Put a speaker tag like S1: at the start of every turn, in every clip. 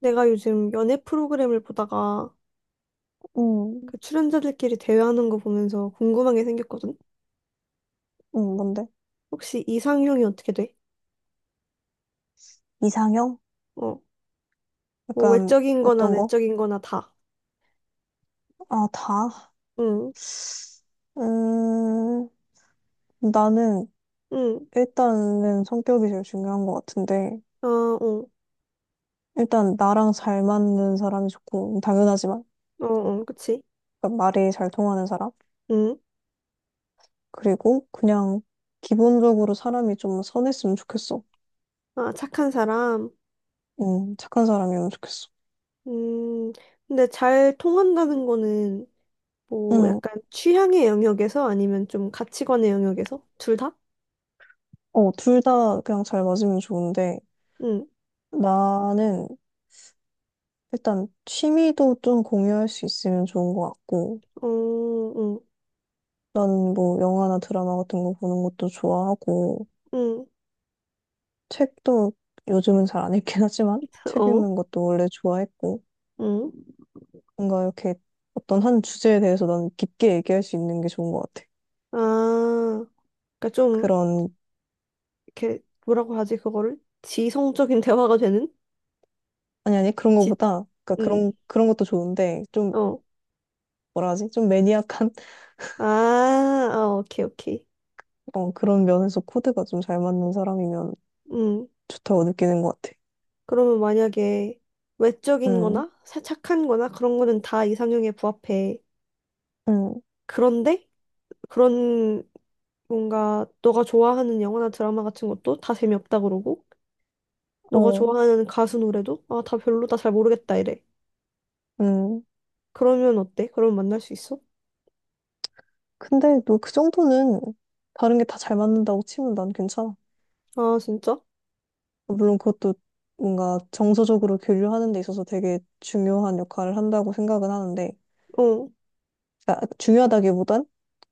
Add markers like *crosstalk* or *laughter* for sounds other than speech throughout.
S1: 내가 요즘 연애 프로그램을 보다가
S2: 음,
S1: 그 출연자들끼리 대화하는 거 보면서 궁금한 게 생겼거든?
S2: 뭔데?
S1: 혹시 이상형이 어떻게 돼?
S2: 이상형?
S1: 어, 뭐
S2: 약간
S1: 외적인 거나
S2: 어떤 거?
S1: 내적인 거나 다.
S2: 아, 다?
S1: 응,
S2: 음, 나는
S1: 응,
S2: 일단은 성격이 제일 중요한 것 같은데,
S1: 어, 어,
S2: 일단 나랑 잘 맞는 사람이 좋고, 당연하지만,
S1: 어, 어, 그치?
S2: 그러니까 말이 잘 통하는 사람?
S1: 응,
S2: 그리고 그냥 기본적으로 사람이 좀 선했으면 좋겠어.
S1: 아, 착한 사람.
S2: 착한 사람이면 좋겠어.
S1: 음, 근데 잘 통한다는 거는 뭐
S2: 응,
S1: 약간 취향의 영역에서 아니면 좀 가치관의 영역에서? 둘 다?
S2: 어, 둘 다 그냥 잘 맞으면 좋은데,
S1: 응,
S2: 나는 일단 취미도 좀 공유할 수 있으면 좋은 것 같고,
S1: 어, 응,
S2: 나는 뭐 영화나 드라마 같은 거 보는 것도 좋아하고,
S1: 응,
S2: 책도 요즘은 잘 안 읽긴 하지만,
S1: *laughs*
S2: 책
S1: 어,
S2: 읽는 것도 원래 좋아했고,
S1: 응.
S2: 뭔가 이렇게 어떤 한 주제에 대해서 난 깊게 얘기할 수 있는 게 좋은 것 같아.
S1: 아, 그러니까 좀
S2: 그런,
S1: 이렇게 뭐라고 하지 그거를 지성적인 *laughs* 대화가 되는
S2: 아니, 아니, 그런
S1: 지
S2: 거보다, 그러니까
S1: 음.
S2: 그런 것도 좋은데, 좀,
S1: 어.
S2: 뭐라 하지? 좀 매니악한, *laughs*
S1: 아, 아, 오케이, 오케이.
S2: 어, 그런 면에서 코드가 좀 잘 맞는 사람이면
S1: 음.
S2: 좋다고 느끼는 것 같아.
S1: 그러면 만약에 외적인
S2: 음,
S1: 거나 착한 거나 그런 거는 다 이상형에 부합해.
S2: 음,
S1: 그런데 그런 뭔가 너가 좋아하는 영화나 드라마 같은 것도 다 재미없다 그러고 너가
S2: 어,
S1: 좋아하는 가수 노래도 아, 다 별로다 잘 모르겠다 이래.
S2: 음.
S1: 그러면 어때? 그럼 만날 수 있어?
S2: 근데 뭐 그 정도는 다른 게 다 잘 맞는다고 치면 난 괜찮아.
S1: 아, 진짜?
S2: 어, 물론 그것도 뭔가 정서적으로 교류하는 데 있어서 되게 중요한 역할을 한다고 생각은 하는데,
S1: 어.
S2: 그러니까 중요하다기보단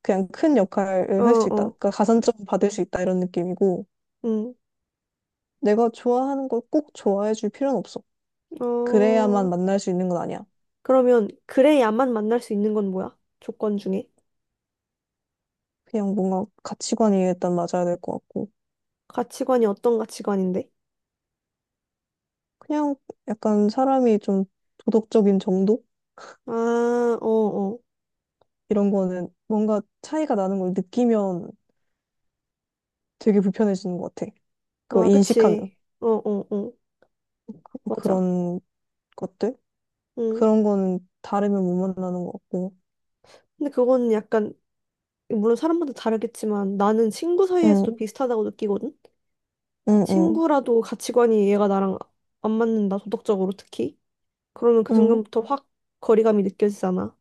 S2: 그냥 큰
S1: 어,
S2: 역할을 할 수 있다.
S1: 어.
S2: 그러니까 가산점 받을 수 있다 이런 느낌이고,
S1: 응.
S2: 내가 좋아하는 걸 꼭 좋아해 줄 필요는 없어. 그래야만
S1: 어.
S2: 만날 수 있는 건 아니야.
S1: 그러면 그래야만 만날 수 있는 건 뭐야? 조건 중에.
S2: 그냥 뭔가 가치관이 일단 맞아야 될 것 같고,
S1: 가치관이 어떤 가치관인데?
S2: 그냥 약간 사람이 좀 도덕적인 정도?
S1: 아, 어, 어.
S2: 이런 거는 뭔가 차이가 나는 걸 느끼면 되게 불편해지는 것 같아. 그거
S1: 아,
S2: 인식하면.
S1: 그치. 어, 어, 어. 맞아.
S2: 그런 것들?
S1: 응.
S2: 그런 거는 다르면 못 만나는 것 같고.
S1: 근데 그거는 약간, 물론 사람마다 다르겠지만 나는 친구 사이에서도
S2: 응,
S1: 비슷하다고 느끼거든?
S2: 응, 응,
S1: 친구라도 가치관이 얘가 나랑 안 맞는다, 도덕적으로 특히. 그러면 그
S2: 응,
S1: 순간부터 확 거리감이 느껴지잖아.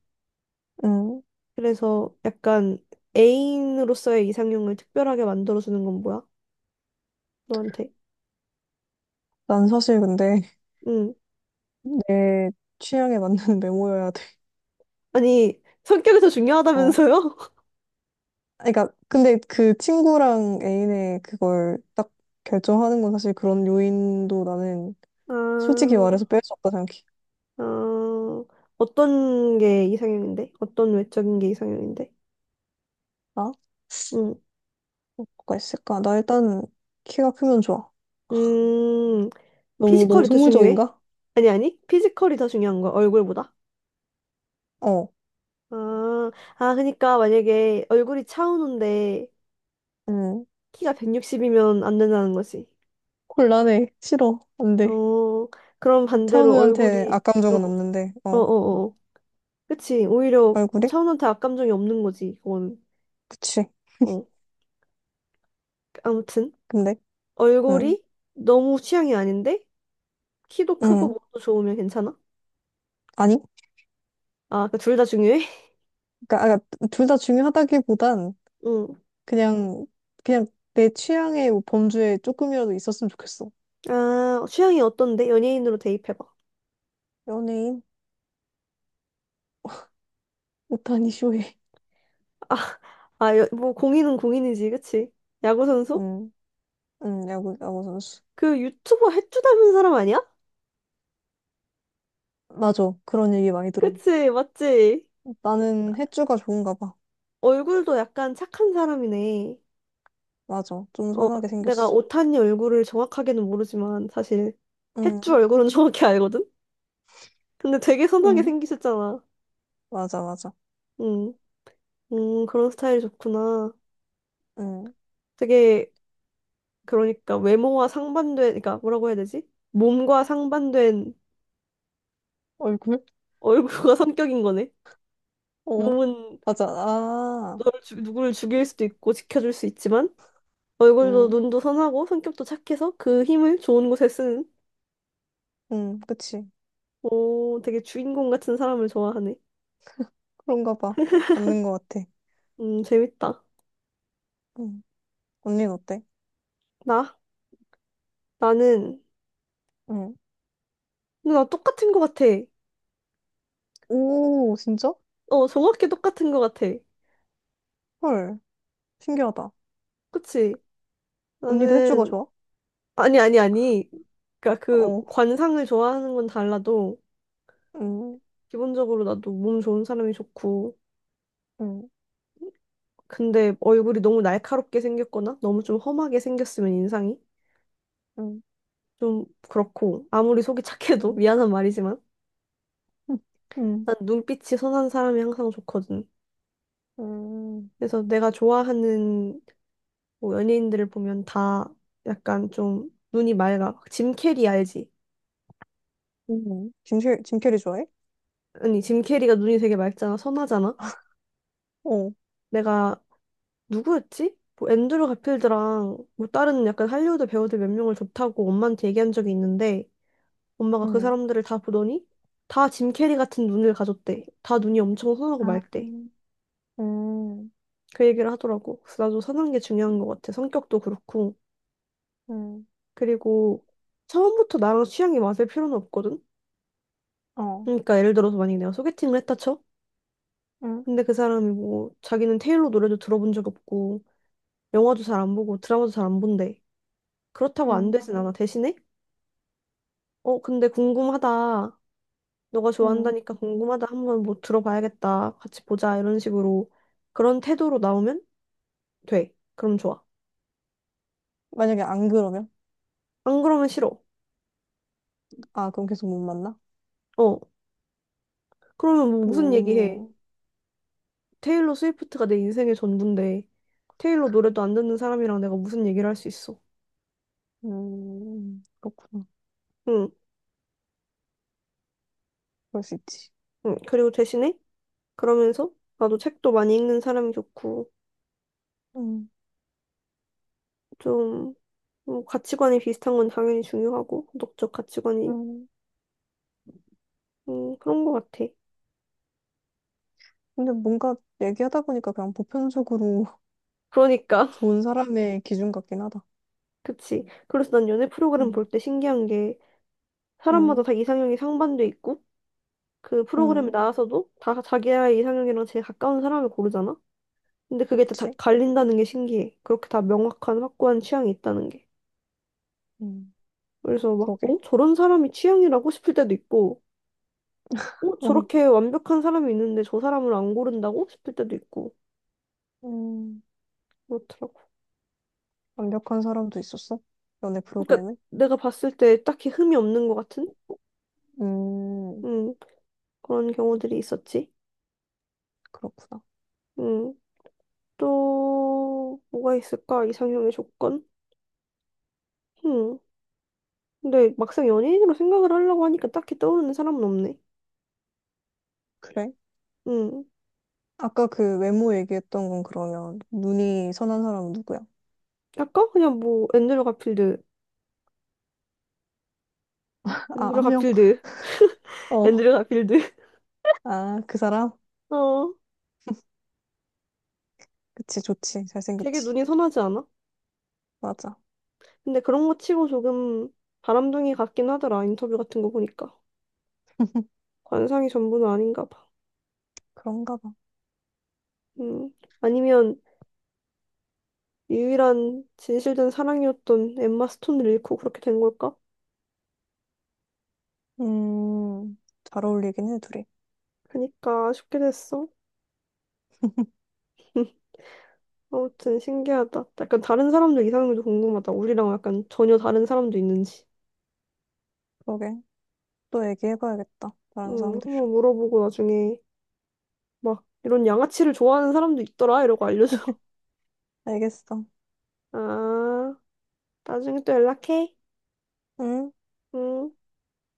S2: 응.
S1: 그래서 약간 애인으로서의 이상형을 특별하게 만들어주는 건 뭐야? 너한테.
S2: 난 사실 근데
S1: 응.
S2: *laughs* 내 취향에 맞는 *laughs* 메모여야 돼.
S1: 아니, 성격이 더
S2: 어.
S1: 중요하다면서요?
S2: 그러니까 근데 그 친구랑 애인의 그걸 딱 결정하는 건 사실 그런 요인도 나는
S1: *laughs* 아,
S2: 솔직히 말해서 뺄 수 없다 생각해.
S1: 아, 어떤 게 이상형인데? 어떤 외적인 게 이상형인데?
S2: 나?
S1: 음,
S2: 뭐가 있을까? 나 일단 키가 크면 좋아.
S1: 음,
S2: 너무 너무
S1: 피지컬이 더 중요해?
S2: 속물적인가?
S1: 아니, 아니, 피지컬이 더 중요한 거야, 얼굴보다.
S2: 어.
S1: 아, 아, 그러니까 만약에 얼굴이 차은우인데
S2: 응.
S1: 키가 160이면 안 된다는 거지.
S2: 곤란해. 싫어. 안 돼.
S1: 어, 그럼 반대로
S2: 차은우한테
S1: 얼굴이, 어,
S2: 악감정은 없는데.
S1: 어,
S2: 어.
S1: 어, 어. 그치. 오히려
S2: 얼굴이?
S1: 차은우한테 악감정이 없는 거지, 그거는.
S2: 그치.
S1: 어, 아무튼.
S2: 근데, 응,
S1: 얼굴이 너무 취향이 아닌데 키도 크고
S2: 응,
S1: 몸도 좋으면 괜찮아?
S2: 아니,
S1: 아, 그러니까 둘다 중요해? *laughs*
S2: 그러니까 아, 그러니까 둘 다 중요하다기보단
S1: 응.
S2: 그냥 그냥 내 취향의 범주에 조금이라도 있었으면 좋겠어.
S1: 아, 취향이 어떤데? 연예인으로 대입해봐.
S2: 연예인 오타니 쇼헤이,
S1: 아, 아, 여- 뭐 공인은 공인이지, 그치? 야구
S2: *laughs*
S1: 선수?
S2: 응, 응, 야구 선수.
S1: 그 유튜버 해주 닮은 사람 아니야?
S2: 맞아, 그런 얘기 많이 들어.
S1: 그치, 맞지?
S2: 나는 해주가 좋은가 봐.
S1: 얼굴도 약간 착한 사람이네.
S2: 맞아, 좀
S1: 어,
S2: 선하게
S1: 내가
S2: 생겼어.
S1: 오타니 얼굴을 정확하게는 모르지만 사실 해주
S2: 응,
S1: 얼굴은 *laughs* 정확히 알거든? 근데 되게 선하게
S2: 응,
S1: 생기셨잖아.
S2: 맞아, 맞아.
S1: 응, 그런 스타일이 좋구나.
S2: 응,
S1: 되게 그러니까 외모와 상반된, 그러니까 뭐라고 해야 되지? 몸과 상반된
S2: 얼굴?
S1: 얼굴과 *laughs* 성격인 거네.
S2: 어,
S1: 몸은
S2: 맞아. 아,
S1: 누구를 죽일 수도 있고 지켜줄 수 있지만 얼굴도
S2: 응,
S1: 눈도 선하고 성격도 착해서 그 힘을 좋은 곳에 쓰는
S2: 응, 그치.
S1: 오, 되게 주인공 같은 사람을 좋아하네.
S2: 그런가 봐. 맞는 것 같아.
S1: 재밌다.
S2: 응, 언니는 어때?
S1: 나? 나는
S2: 응.
S1: 근데 나 똑같은 거 같아.
S2: 오, 진짜?
S1: 어, 정확히 똑같은 거 같아.
S2: 헐, 신기하다.
S1: 그치?
S2: 언니도 해주가
S1: 나는
S2: 좋아?
S1: 아니 아니 아니. 그러니까 그
S2: 어,
S1: 관상을 좋아하는 건 달라도
S2: 음,
S1: 기본적으로 나도 몸 좋은 사람이 좋고,
S2: 음,
S1: 근데 얼굴이 너무 날카롭게 생겼거나 너무 좀 험하게 생겼으면 인상이
S2: 음,
S1: 좀 그렇고, 아무리 속이 착해도 *laughs* 미안한 말이지만,
S2: 음, 음,
S1: 난 눈빛이 선한 사람이 항상 좋거든.
S2: 음,
S1: 그래서 내가 좋아하는 뭐 연예인들을 보면 다 약간 좀 눈이 맑아. 짐 캐리 알지?
S2: 짐, 짐 캐리 좋아해?
S1: 아니, 짐 캐리가 눈이 되게 맑잖아. 선하잖아.
S2: 어,
S1: 내가 누구였지? 뭐 앤드류 가필드랑 뭐 다른 약간 할리우드 배우들 몇 명을 좋다고 엄마한테 얘기한 적이 있는데 엄마가 그
S2: 음,
S1: 사람들을 다 보더니 다 짐 캐리 같은 눈을 가졌대. 다 눈이 엄청 선하고
S2: 아,
S1: 맑대.
S2: 음,
S1: 그 얘기를 하더라고. 그래서 나도 선한 게 중요한 것 같아. 성격도 그렇고.
S2: 음,
S1: 그리고 처음부터 나랑 취향이 맞을 필요는 없거든.
S2: 어,
S1: 그러니까 예를 들어서 만약에 내가 소개팅을 했다 쳐?
S2: 음,
S1: 근데 그 사람이 뭐 자기는 테일러 노래도 들어본 적 없고 영화도 잘 안 보고 드라마도 잘 안 본대. 그렇다고 안
S2: 음,
S1: 되진 않아. 대신에 어 근데 궁금하다. 너가
S2: 음.
S1: 좋아한다니까 궁금하다. 한번 뭐 들어봐야겠다. 같이 보자. 이런 식으로 그런 태도로 나오면 돼. 그럼 좋아.
S2: 만약에 안 그러면?
S1: 안 그러면 싫어.
S2: 아, 그럼 계속 못 만나?
S1: 어. 그러면 뭐 무슨 얘기해?
S2: 음,
S1: 테일러 스위프트가 내 인생의 전부인데 테일러 노래도 안 듣는 사람이랑 내가 무슨 얘기를 할 수 있어?
S2: 그렇구나.
S1: 응,
S2: 그럴 수 있지.
S1: 응. 그리고 대신에 그러면서 나도 책도 많이 읽는 사람이 좋고
S2: 음,
S1: 좀 뭐, 가치관이 비슷한 건 당연히 중요하고 도덕적 가치관이
S2: 음.
S1: 그런 것 같아.
S2: 근데 뭔가 얘기하다 보니까 그냥 보편적으로 *laughs*
S1: 그러니까
S2: 좋은 사람의 기준 같긴 하다.
S1: *laughs* 그치. 그래서 난 연애 프로그램
S2: 음,
S1: 볼 때 신기한 게 사람마다
S2: 음.
S1: 다 이상형이 상반돼 있고 그 프로그램에
S2: 응,
S1: 나와서도 다 자기의 이상형이랑 제일 가까운 사람을 고르잖아? 근데 그게 다
S2: 그치.
S1: 갈린다는 게 신기해. 그렇게 다 명확한 확고한 취향이 있다는 게.
S2: 음.
S1: 그래서 막,
S2: 그러게.
S1: 어? 저런 사람이 취향이라고 싶을 때도 있고, 어?
S2: 응.
S1: 저렇게 완벽한 사람이 있는데 저 사람을 안 고른다고 싶을 때도 있고,
S2: 음,
S1: 그렇더라고.
S2: 완벽한 사람도 있었어? 연애
S1: 그러니까
S2: 프로그램에?
S1: 내가 봤을 때 딱히 흠이 없는 것 같은?
S2: 음,
S1: 음, 그런 경우들이 있었지.
S2: 그렇구나.
S1: 음, 또, 뭐가 있을까? 이상형의 조건? 음. 근데 막상 연예인으로 생각을 하려고 하니까 딱히 떠오르는 사람은 없네.
S2: 그래?
S1: 음,
S2: 아까 그 외모 얘기했던 건 그러면 눈이 선한 사람은 누구야?
S1: 약간 그냥 뭐 앤드류 가필드,
S2: 아,
S1: 앤드류
S2: 한 명?
S1: 가필드, *laughs*
S2: 어.
S1: 앤드류 가필드.
S2: 아, 그 사람?
S1: *laughs* 어,
S2: 그치, 좋지.
S1: 되게
S2: 잘생겼지.
S1: 눈이 선하지 않아?
S2: 맞아.
S1: 근데 그런 거 치고 조금 바람둥이 같긴 하더라. 인터뷰 같은 거 보니까. 관상이 전부는 아닌가 봐.
S2: 그런가 봐.
S1: 음, 아니면 유일한 진실된 사랑이었던 엠마 스톤을 잃고 그렇게 된 걸까?
S2: 음, 잘 어울리긴 해, 둘이.
S1: 그니까 아쉽게 됐어. *laughs* 아무튼 신기하다. 약간 다른 사람들 이상형도 궁금하다. 우리랑 약간 전혀 다른 사람도 있는지.
S2: 그러게. 또 얘기해봐야겠다. 다른 사람들이랑.
S1: 한번 물어보고 나중에 막 이런 양아치를 좋아하는 사람도 있더라 이러고 알려줘.
S2: 알겠어.
S1: *laughs* 아, 나중에 또 연락해.
S2: 응?
S1: 응.